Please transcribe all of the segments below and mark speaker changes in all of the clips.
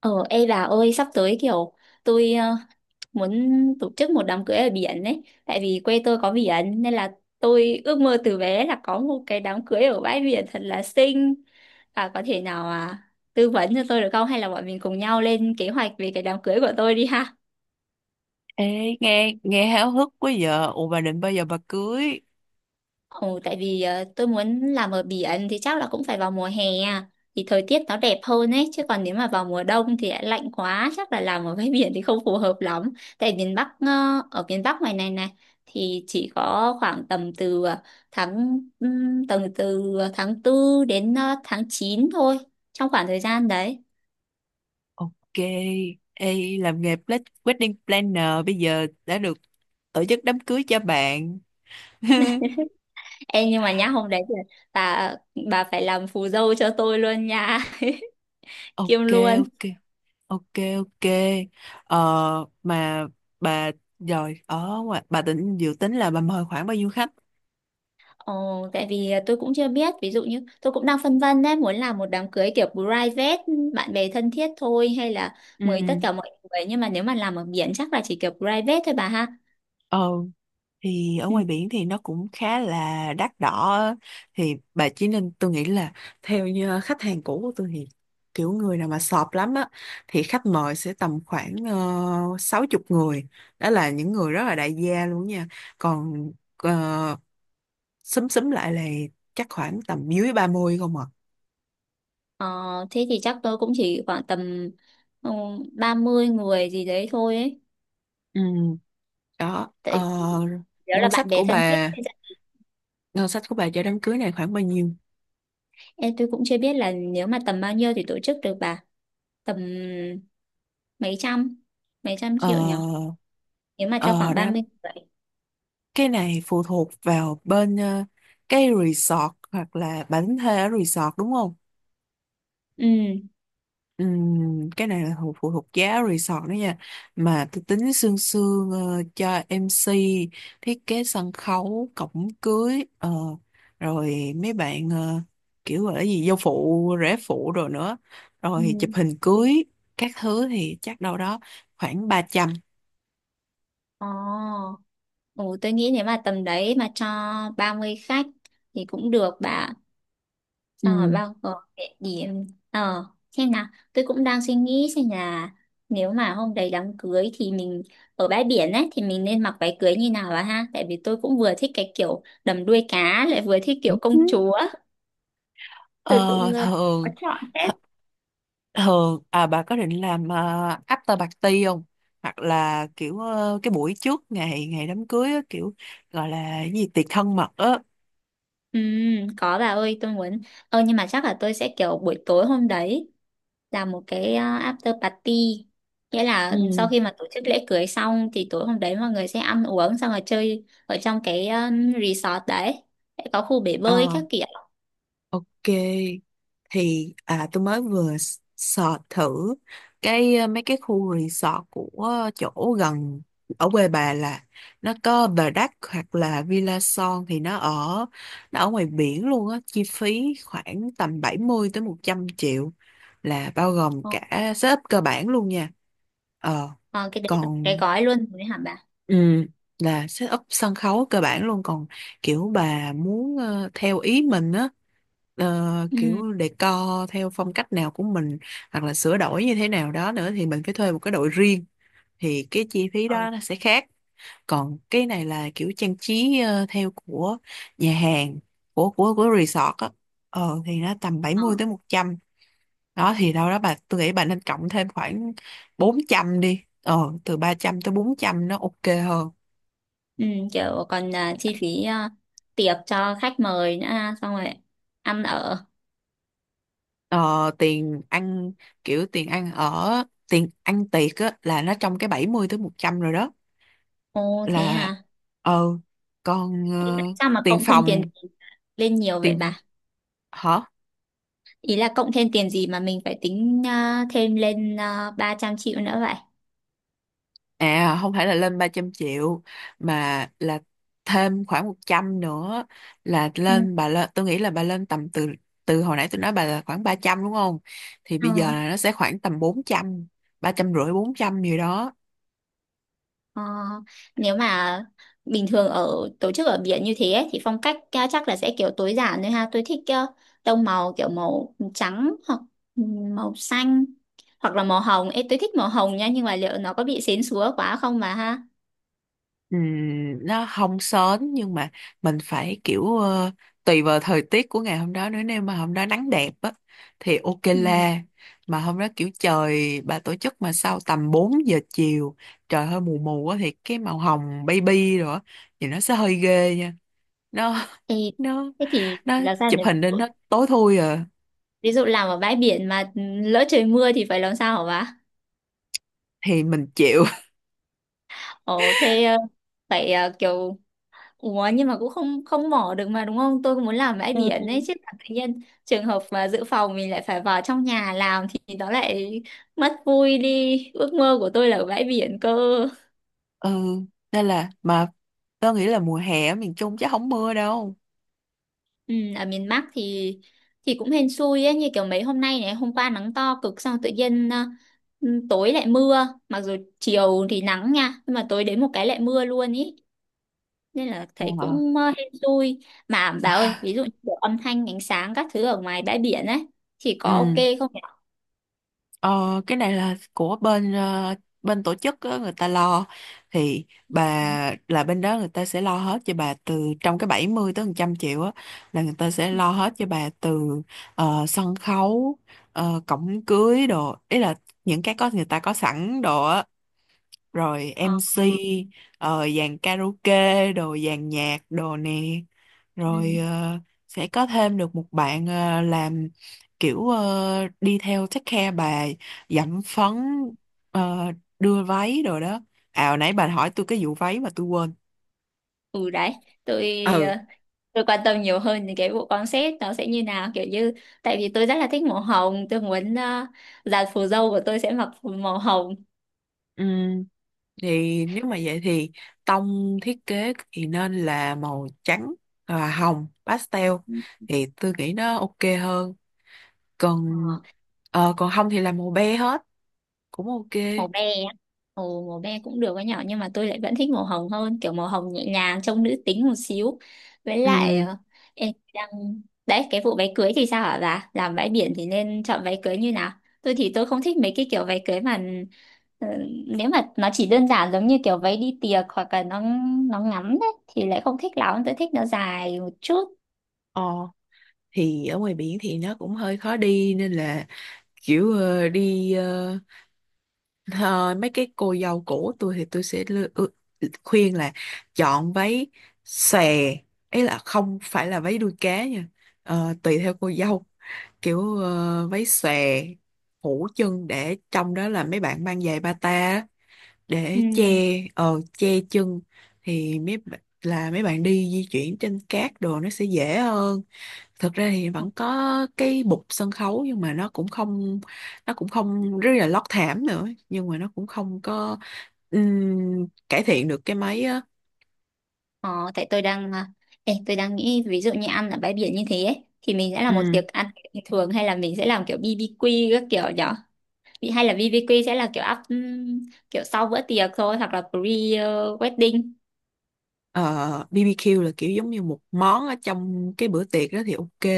Speaker 1: Ờ, ê bà ơi, sắp tới tôi ờ, muốn tổ chức một đám cưới ở biển ấy, tại vì quê tôi có biển nên là tôi ước mơ từ bé là có một cái đám cưới ở bãi biển thật là xinh. Bà có thể tư vấn cho tôi được không? Hay là bọn mình cùng nhau lên kế hoạch về cái đám cưới của tôi đi ha?
Speaker 2: Ê, nghe nghe háo hức quá giờ. Ủa bà định bao giờ bà cưới?
Speaker 1: Tại vì tôi muốn làm ở biển thì chắc là cũng phải vào mùa hè à. Thì thời tiết nó đẹp hơn ấy, chứ còn nếu mà vào mùa đông thì lại lạnh quá, chắc là làm ở bãi biển thì không phù hợp lắm. Tại miền ở miền Bắc ngoài này này thì chỉ có khoảng tầm từ ờ, tháng tầm từ tháng tư đến tháng 9 thôi, trong khoảng thời gian đấy.
Speaker 2: Ok. Ê, làm nghề wedding planner bây giờ đã được tổ chức đám cưới cho bạn.
Speaker 1: Ê, nhưng mà nhá, hôm đấy thì bà ờ, bà phải làm phù dâu cho tôi luôn nha, kiêm
Speaker 2: Ok,
Speaker 1: luôn.
Speaker 2: ok, ok, ok. Ờ, mà bà rồi ở ngoài bà tính dự tính là bà mời khoảng bao nhiêu khách?
Speaker 1: Tại vì tôi cũng chưa biết, ví dụ như tôi cũng đang phân vân đấy, muốn làm một đám cưới kiểu private, bạn bè thân thiết thôi, hay là mời tất cả mọi người. Nhưng mà nếu mà làm ở biển chắc là chỉ kiểu private thôi bà ha.
Speaker 2: Ừ. Thì ở
Speaker 1: Ừ.
Speaker 2: ngoài biển thì nó cũng khá là đắt đỏ á. Thì bà chỉ nên, tôi nghĩ là theo như khách hàng cũ của tôi thì kiểu người nào mà sọp lắm á thì khách mời sẽ tầm khoảng 60 người, đó là những người rất là đại gia luôn nha. Còn ờ, xúm xúm lại là chắc khoảng tầm dưới 30 không à.
Speaker 1: Ờ, thế thì chắc tôi cũng chỉ khoảng tầm ừ, 30 người gì đấy thôi ấy.
Speaker 2: Ừ, đó. Ờ,
Speaker 1: Tại vì đó là
Speaker 2: ngân sách
Speaker 1: bạn bè
Speaker 2: của
Speaker 1: thân thiết,
Speaker 2: bà,
Speaker 1: thì chắc-
Speaker 2: cho đám cưới này khoảng bao nhiêu?
Speaker 1: Ê, tôi cũng chưa biết là nếu mà tầm bao nhiêu thì tổ chức được bà. Tầm mấy trăm, mấy trăm triệu nhỉ?
Speaker 2: Ờ,
Speaker 1: Nếu mà cho
Speaker 2: ờ,
Speaker 1: khoảng ba
Speaker 2: đám
Speaker 1: mươi người.
Speaker 2: cái này phụ thuộc vào bên cái resort hoặc là bản thuê ở resort đúng không?
Speaker 1: Ừ.
Speaker 2: Cái này là phụ thuộc giá resort đó nha. Mà tôi tính sương sương cho MC, thiết kế sân khấu, cổng cưới, rồi mấy bạn kiểu gọi là gì, dâu phụ, rể phụ rồi nữa. Rồi chụp
Speaker 1: Ừ.
Speaker 2: hình cưới, các thứ thì chắc đâu đó khoảng 300.
Speaker 1: Ồ, ồ, tôi nghĩ nếu mà tầm đấy mà cho 30 khách thì cũng được bà. Xong rồi bao gồm địa điểm. Ờ, xem nào, tôi cũng đang suy nghĩ xem là nếu mà hôm đấy đám cưới thì mình ở bãi biển ấy, thì mình nên mặc váy cưới như nào bà ha? Tại vì tôi cũng vừa thích cái kiểu đầm đuôi cá, lại vừa thích kiểu
Speaker 2: Ừ.
Speaker 1: công chúa. Tôi cũng
Speaker 2: Ờ,
Speaker 1: ờ, có
Speaker 2: thường
Speaker 1: chọn hết.
Speaker 2: th- thường à, bà có định làm after party không, hoặc là kiểu cái buổi trước ngày ngày đám cưới á, kiểu gọi là cái gì tiệc thân mật á?
Speaker 1: Ừ, có bà ơi, tôi muốn. Ờ, nhưng mà chắc là tôi sẽ kiểu buổi tối hôm đấy là một cái after party, nghĩa là sau
Speaker 2: Ừ.
Speaker 1: khi mà tổ chức lễ cưới xong thì tối hôm đấy mọi người sẽ ăn uống xong rồi chơi ở trong cái resort đấy, sẽ có khu bể bơi
Speaker 2: ờ
Speaker 1: các kiểu.
Speaker 2: Ok, thì tôi mới vừa search thử cái mấy cái khu resort của chỗ gần ở quê bà, là nó có Bà Đắc hoặc là Villa Son thì nó ở, nó ở ngoài biển luôn á, chi phí khoảng tầm 70 tới 100 triệu, là bao gồm
Speaker 1: Ờ,
Speaker 2: cả setup cơ bản luôn nha. Ờ,
Speaker 1: ờ, cái đấy là cái
Speaker 2: còn
Speaker 1: gói luôn rồi hả bà?
Speaker 2: Ừ, là set up sân khấu cơ bản luôn. Còn kiểu bà muốn theo ý mình á,
Speaker 1: Ừ.
Speaker 2: kiểu decor theo phong cách nào của mình hoặc là sửa đổi như thế nào đó nữa thì mình phải thuê một cái đội riêng, thì cái chi phí
Speaker 1: Ờ,
Speaker 2: đó nó sẽ khác. Còn cái này là kiểu trang trí theo của nhà hàng, của resort á. Thì nó tầm bảy
Speaker 1: ờ.
Speaker 2: mươi tới một trăm. Đó thì đâu đó bà, tôi nghĩ bà nên cộng thêm khoảng 400 đi, từ 300 tới 400 nó ok hơn.
Speaker 1: Ừ. Kiểu còn chi phí tiệc cho khách mời nữa ha, xong rồi ăn ở.
Speaker 2: Ờ, tiền ăn, kiểu tiền ăn ở, tiền ăn tiệc á, là nó trong cái 70 tới 100 rồi đó.
Speaker 1: Ồ thế
Speaker 2: Là
Speaker 1: hả?
Speaker 2: ờ còn
Speaker 1: Thế sao mà
Speaker 2: tiền
Speaker 1: cộng thêm tiền
Speaker 2: phòng,
Speaker 1: lên nhiều vậy
Speaker 2: tiền,
Speaker 1: bà?
Speaker 2: hả?
Speaker 1: Ý là cộng thêm tiền gì mà mình phải tính thêm lên 300 triệu nữa vậy?
Speaker 2: À không phải là lên 300 triệu, mà là thêm khoảng 100 nữa, là
Speaker 1: Ừ.
Speaker 2: lên bà, lên tôi nghĩ là bà lên tầm từ, từ hồi nãy tôi nói bà là khoảng 300 đúng không, thì
Speaker 1: Ờ,
Speaker 2: bây giờ là nó sẽ khoảng tầm 400, 300 rưỡi 400 gì đó.
Speaker 1: ờ, nếu mà bình thường ở tổ chức ở biển như thế ấy, thì phong cách ca- chắc là sẽ kiểu tối giản thôi ha. Tôi thích tông màu kiểu màu trắng hoặc ừ, màu xanh hoặc là màu hồng. Ê, tôi thích màu hồng nha, nhưng mà liệu nó có bị xến xúa quá không mà ha?
Speaker 2: Ừm, nó không sến nhưng mà mình phải kiểu tùy vào thời tiết của ngày hôm đó nữa, nếu mà hôm đó nắng đẹp á thì ok
Speaker 1: Ừ.
Speaker 2: la. Mà hôm đó kiểu trời bà tổ chức mà sau tầm 4 giờ chiều, trời hơi mù mù á thì cái màu hồng baby rồi á thì nó sẽ hơi ghê nha. nó
Speaker 1: Ê,
Speaker 2: nó
Speaker 1: thế thì
Speaker 2: nó
Speaker 1: làm sao
Speaker 2: chụp
Speaker 1: nhỉ? Ví
Speaker 2: hình
Speaker 1: dụ,
Speaker 2: lên nó tối thui à.
Speaker 1: ví dụ làm ở bãi biển mà lỡ trời mưa thì phải làm sao hả bà?
Speaker 2: Thì mình chịu.
Speaker 1: Ồ, thế ờ, phải ờ, kiểu Ủa, nhưng mà cũng không không mỏ được mà đúng không? Tôi cũng muốn làm bãi
Speaker 2: Ừ.
Speaker 1: biển ấy chứ, là tự nhiên trường hợp mà dự phòng mình lại phải vào trong nhà làm thì nó lại mất vui đi. Ước mơ của tôi là ở bãi biển cơ.
Speaker 2: ừ Nên là, mà tớ nghĩ là mùa hè ở miền Trung chắc không mưa đâu.
Speaker 1: Ừ, ở miền Bắc thì cũng hên xui ấy, như kiểu mấy hôm nay này, hôm qua nắng to cực, xong tự nhiên tối lại mưa, mặc dù chiều thì nắng nha, nhưng mà tối đến một cái lại mưa luôn ý, nên là thấy
Speaker 2: Ờ.
Speaker 1: cũng hên xui. Mà bà ơi, ví dụ như kiểu âm thanh ánh sáng các thứ ở ngoài bãi biển ấy thì có
Speaker 2: Ừ.
Speaker 1: ok không nhỉ?
Speaker 2: Ờ, cái này là của bên bên tổ chức á, người ta lo. Thì bà, là bên đó người ta sẽ lo hết cho bà từ trong cái 70 tới 100 triệu á, là người ta sẽ lo hết cho bà từ sân khấu, cổng cưới đồ, ý là những cái có người ta có sẵn đồ á, rồi
Speaker 1: Ờ.
Speaker 2: MC, dàn karaoke đồ, dàn nhạc đồ nè, rồi
Speaker 1: Ừ.
Speaker 2: sẽ có thêm được một bạn làm kiểu đi theo take care bà, dặm phấn, ờ, đưa váy rồi đó. À hồi nãy bà hỏi tôi cái vụ váy mà tôi quên.
Speaker 1: Ừ đấy, tôi
Speaker 2: Ừ.
Speaker 1: ờ, tôi quan tâm nhiều hơn đến cái bộ concept nó sẽ như nào, kiểu như tại vì tôi rất là thích màu hồng, tôi muốn dàn phù dâu của tôi sẽ mặc phù màu hồng.
Speaker 2: Ừm, thì nếu mà vậy thì tông thiết kế thì nên là màu trắng và hồng pastel, thì tôi nghĩ nó ok hơn. còn
Speaker 1: Ờ.
Speaker 2: còn không thì làm màu be hết cũng ok.
Speaker 1: Màu be á. Ồ, màu be cũng được với nhỏ, nhưng mà tôi lại vẫn thích màu hồng hơn, kiểu màu hồng nhẹ nhàng trông nữ tính một xíu. Với lại
Speaker 2: Ừ.
Speaker 1: ờ, em đang đấy, cái vụ váy cưới thì sao hả bà, làm bãi biển thì nên chọn váy cưới như nào? Tôi thì tôi không thích mấy cái kiểu váy cưới mà ờ, nếu mà nó chỉ đơn giản giống như kiểu váy đi tiệc, hoặc là nó ngắn đấy thì lại không thích lắm, tôi thích nó dài một chút.
Speaker 2: Ờ. Thì ở ngoài biển thì nó cũng hơi khó đi nên là kiểu mấy cái cô dâu cũ tôi thì tôi sẽ khuyên là chọn váy xòe, ấy là không phải là váy đuôi cá nha. Ờ, tùy theo cô dâu, kiểu váy xòe phủ chân, để trong đó là mấy bạn mang giày bata á,
Speaker 1: Ừ.
Speaker 2: để che che chân, thì là mấy bạn đi di chuyển trên cát đồ nó sẽ dễ hơn. Thực ra thì vẫn có cái bục sân khấu nhưng mà nó cũng không, nó cũng không, rất là lót thảm nữa nhưng mà nó cũng không có cải thiện được cái mấy á.
Speaker 1: Ờ, tại tôi đang nghĩ ví dụ như ăn ở bãi biển như thế ấy, thì mình sẽ là một tiệc
Speaker 2: Ừm,
Speaker 1: ăn kiểu bình thường hay là mình sẽ làm kiểu BBQ các kiểu nhở? Bị- hay là BBQ sẽ là kiểu up, kiểu sau bữa tiệc thôi hoặc là pre wedding.
Speaker 2: ờ, BBQ là kiểu giống như một món ở trong cái bữa tiệc đó thì ok.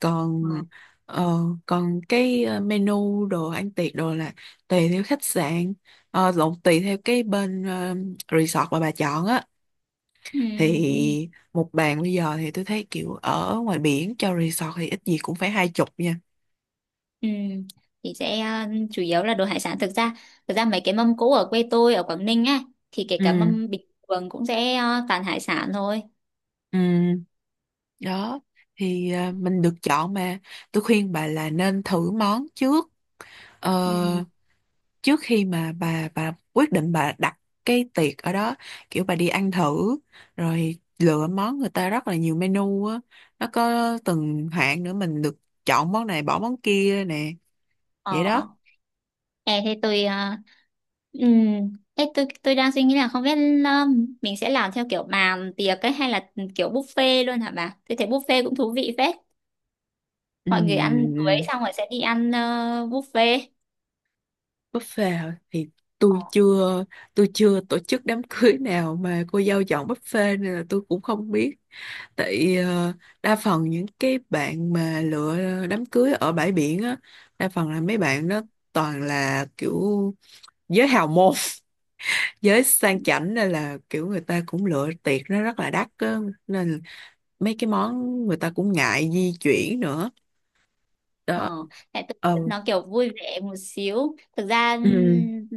Speaker 2: còn
Speaker 1: Ờ.
Speaker 2: ờ, còn cái menu đồ ăn tiệc đồ là tùy theo khách sạn, lộn tùy theo cái bên resort mà bà chọn á.
Speaker 1: Ừm,
Speaker 2: Thì một bàn bây giờ thì tôi thấy kiểu ở ngoài biển cho resort thì ít gì cũng phải 20 nha.
Speaker 1: ừm. Thì sẽ chủ yếu là đồ hải sản, thực ra mấy cái mâm cỗ ở quê tôi ở Quảng Ninh á, thì kể cả
Speaker 2: Ừ.
Speaker 1: mâm bình thường cũng sẽ toàn hải sản thôi.
Speaker 2: Ừ. Đó, thì mình được chọn mà, tôi khuyên bà là nên thử món trước.
Speaker 1: Ừm.
Speaker 2: Ờ, trước khi mà bà quyết định bà đặt cái tiệc ở đó, kiểu bà đi ăn thử rồi lựa món, người ta rất là nhiều menu á, nó có từng hạng nữa, mình được chọn món này bỏ món kia nè. Vậy đó.
Speaker 1: Ờ. Ê, thế tôi ờ, ê, tôi đang suy nghĩ là không biết ờ, mình sẽ làm theo kiểu bàn tiệc ấy hay là kiểu buffet luôn hả bà? Tôi thấy buffet cũng thú vị phết. Mọi người ăn cưới
Speaker 2: Ừm,
Speaker 1: xong rồi sẽ đi ăn buffet.
Speaker 2: buffet hả? Thì
Speaker 1: Ờ,
Speaker 2: tôi chưa tôi chưa tổ chức đám cưới nào mà cô dâu chọn buffet nên là tôi cũng không biết. Tại đa phần những cái bạn mà lựa đám cưới ở bãi biển á, đa phần là mấy bạn đó toàn là kiểu giới hào môn giới sang chảnh nên là kiểu người ta cũng lựa tiệc nó rất là đắt á. Nên mấy cái món người ta cũng ngại di chuyển nữa.
Speaker 1: ờ,
Speaker 2: Đó.
Speaker 1: tại
Speaker 2: Ờ.
Speaker 1: tôi nó kiểu vui vẻ một xíu. Thực ra
Speaker 2: Ừ,
Speaker 1: ừm,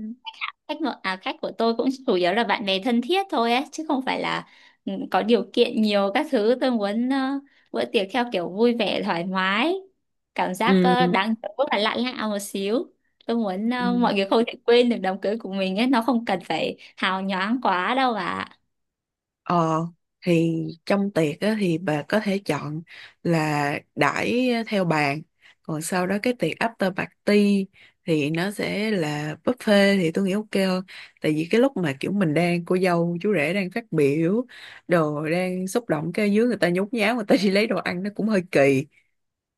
Speaker 1: khách ngợ à, khách của tôi cũng chủ yếu là bạn bè thân thiết thôi ấy, chứ không phải là ừ, có điều kiện nhiều các thứ. Tôi muốn bữa tiệc theo kiểu vui vẻ thoải mái, cảm giác
Speaker 2: ừ,
Speaker 1: ờ, đáng rất là lạ lạ một xíu. Tôi muốn
Speaker 2: ừ.
Speaker 1: ờ, mọi người không thể quên được đám cưới của mình ấy, nó không cần phải hào nhoáng quá đâu bà ạ.
Speaker 2: Ờ, thì trong tiệc á, thì bà có thể chọn là đãi theo bàn, còn sau đó cái tiệc after party thì nó sẽ là buffet, thì tôi nghĩ ok hơn. Tại vì cái lúc mà kiểu mình đang cô dâu chú rể đang phát biểu đồ, đang xúc động, cái dưới người ta nhốn nháo người ta đi lấy đồ ăn nó cũng hơi kỳ.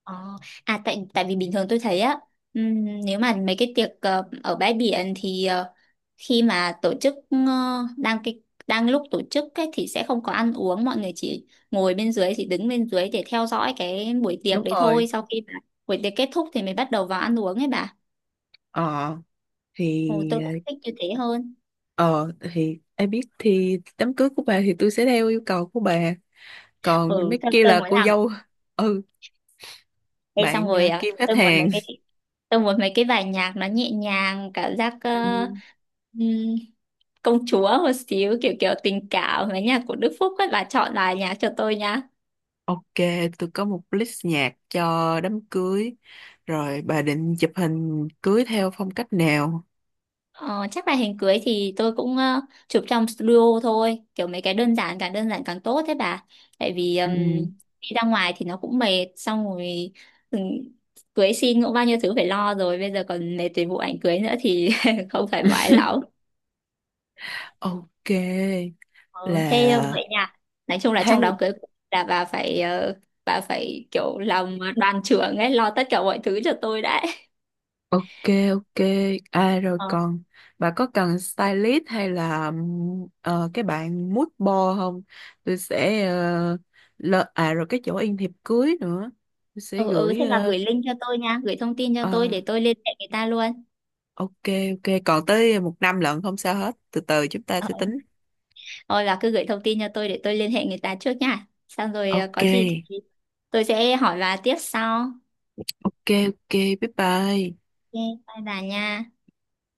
Speaker 1: Ờ, à tại tại vì bình thường tôi thấy á, nếu mà mấy cái tiệc ở bãi biển thì khi mà tổ chức ờ, đang cái đang lúc tổ chức ấy, thì sẽ không có ăn uống, mọi người chỉ ngồi bên dưới, chỉ đứng bên dưới để theo dõi cái buổi
Speaker 2: Đúng
Speaker 1: tiệc đấy
Speaker 2: rồi.
Speaker 1: thôi, sau khi mà buổi tiệc kết thúc thì mới bắt đầu vào ăn uống ấy bà.
Speaker 2: ờ thì
Speaker 1: Ồ, tôi cũng thích như thế hơn.
Speaker 2: ờ thì ai biết, thì đám cưới của bà thì tôi sẽ theo yêu cầu của bà, còn mấy kia
Speaker 1: Tôi
Speaker 2: là
Speaker 1: muốn
Speaker 2: cô
Speaker 1: làm.
Speaker 2: dâu. Ừ,
Speaker 1: Ê, xong
Speaker 2: bạn
Speaker 1: rồi à,
Speaker 2: kiếm khách
Speaker 1: tôi muốn mấy
Speaker 2: hàng.
Speaker 1: cái tôi muốn mấy cái bài nhạc nó nhẹ nhàng, cảm giác
Speaker 2: Ừ.
Speaker 1: công chúa một xíu, kiểu kiểu tình cảm, mấy nhạc của Đức Phúc ấy, bà chọn là nhạc cho tôi nhá.
Speaker 2: Ok, tôi có một list nhạc cho đám cưới. Rồi bà định chụp hình cưới theo phong cách nào?
Speaker 1: Ờ, chắc là hình cưới thì tôi cũng chụp trong studio thôi, kiểu mấy cái đơn giản càng tốt thế bà. Tại vì
Speaker 2: Ừ.
Speaker 1: đi ra ngoài thì nó cũng mệt, xong rồi ừm, cưới xin cũng bao nhiêu thứ phải lo rồi, bây giờ còn mệt về vụ ảnh cưới nữa thì không thoải mái lắm.
Speaker 2: Ok.
Speaker 1: Ờ, thế
Speaker 2: Là
Speaker 1: vậy nha, nói chung là trong
Speaker 2: tháng,
Speaker 1: đám cưới của- là bà phải kiểu làm đoàn trưởng ấy, lo tất cả mọi thứ cho tôi đấy.
Speaker 2: ok ok. À rồi
Speaker 1: Ờ.
Speaker 2: còn bà có cần stylist hay là cái bạn mood board không? Tôi sẽ à rồi cái chỗ in thiệp cưới nữa. Tôi sẽ
Speaker 1: Ừ ừ,
Speaker 2: gửi
Speaker 1: thế bà gửi link cho tôi nha, gửi thông tin cho
Speaker 2: ờ,
Speaker 1: tôi để tôi liên hệ người ta luôn.
Speaker 2: ok ok. Còn tới một năm lận không sao hết, từ từ chúng ta
Speaker 1: Ờ.
Speaker 2: sẽ tính.
Speaker 1: Thôi bà cứ gửi thông tin cho tôi để tôi liên hệ người ta trước nha, xong rồi có gì
Speaker 2: Ok
Speaker 1: thì tôi sẽ hỏi bà tiếp sau.
Speaker 2: ok. ok bye bye.
Speaker 1: Ok, bye bà nha.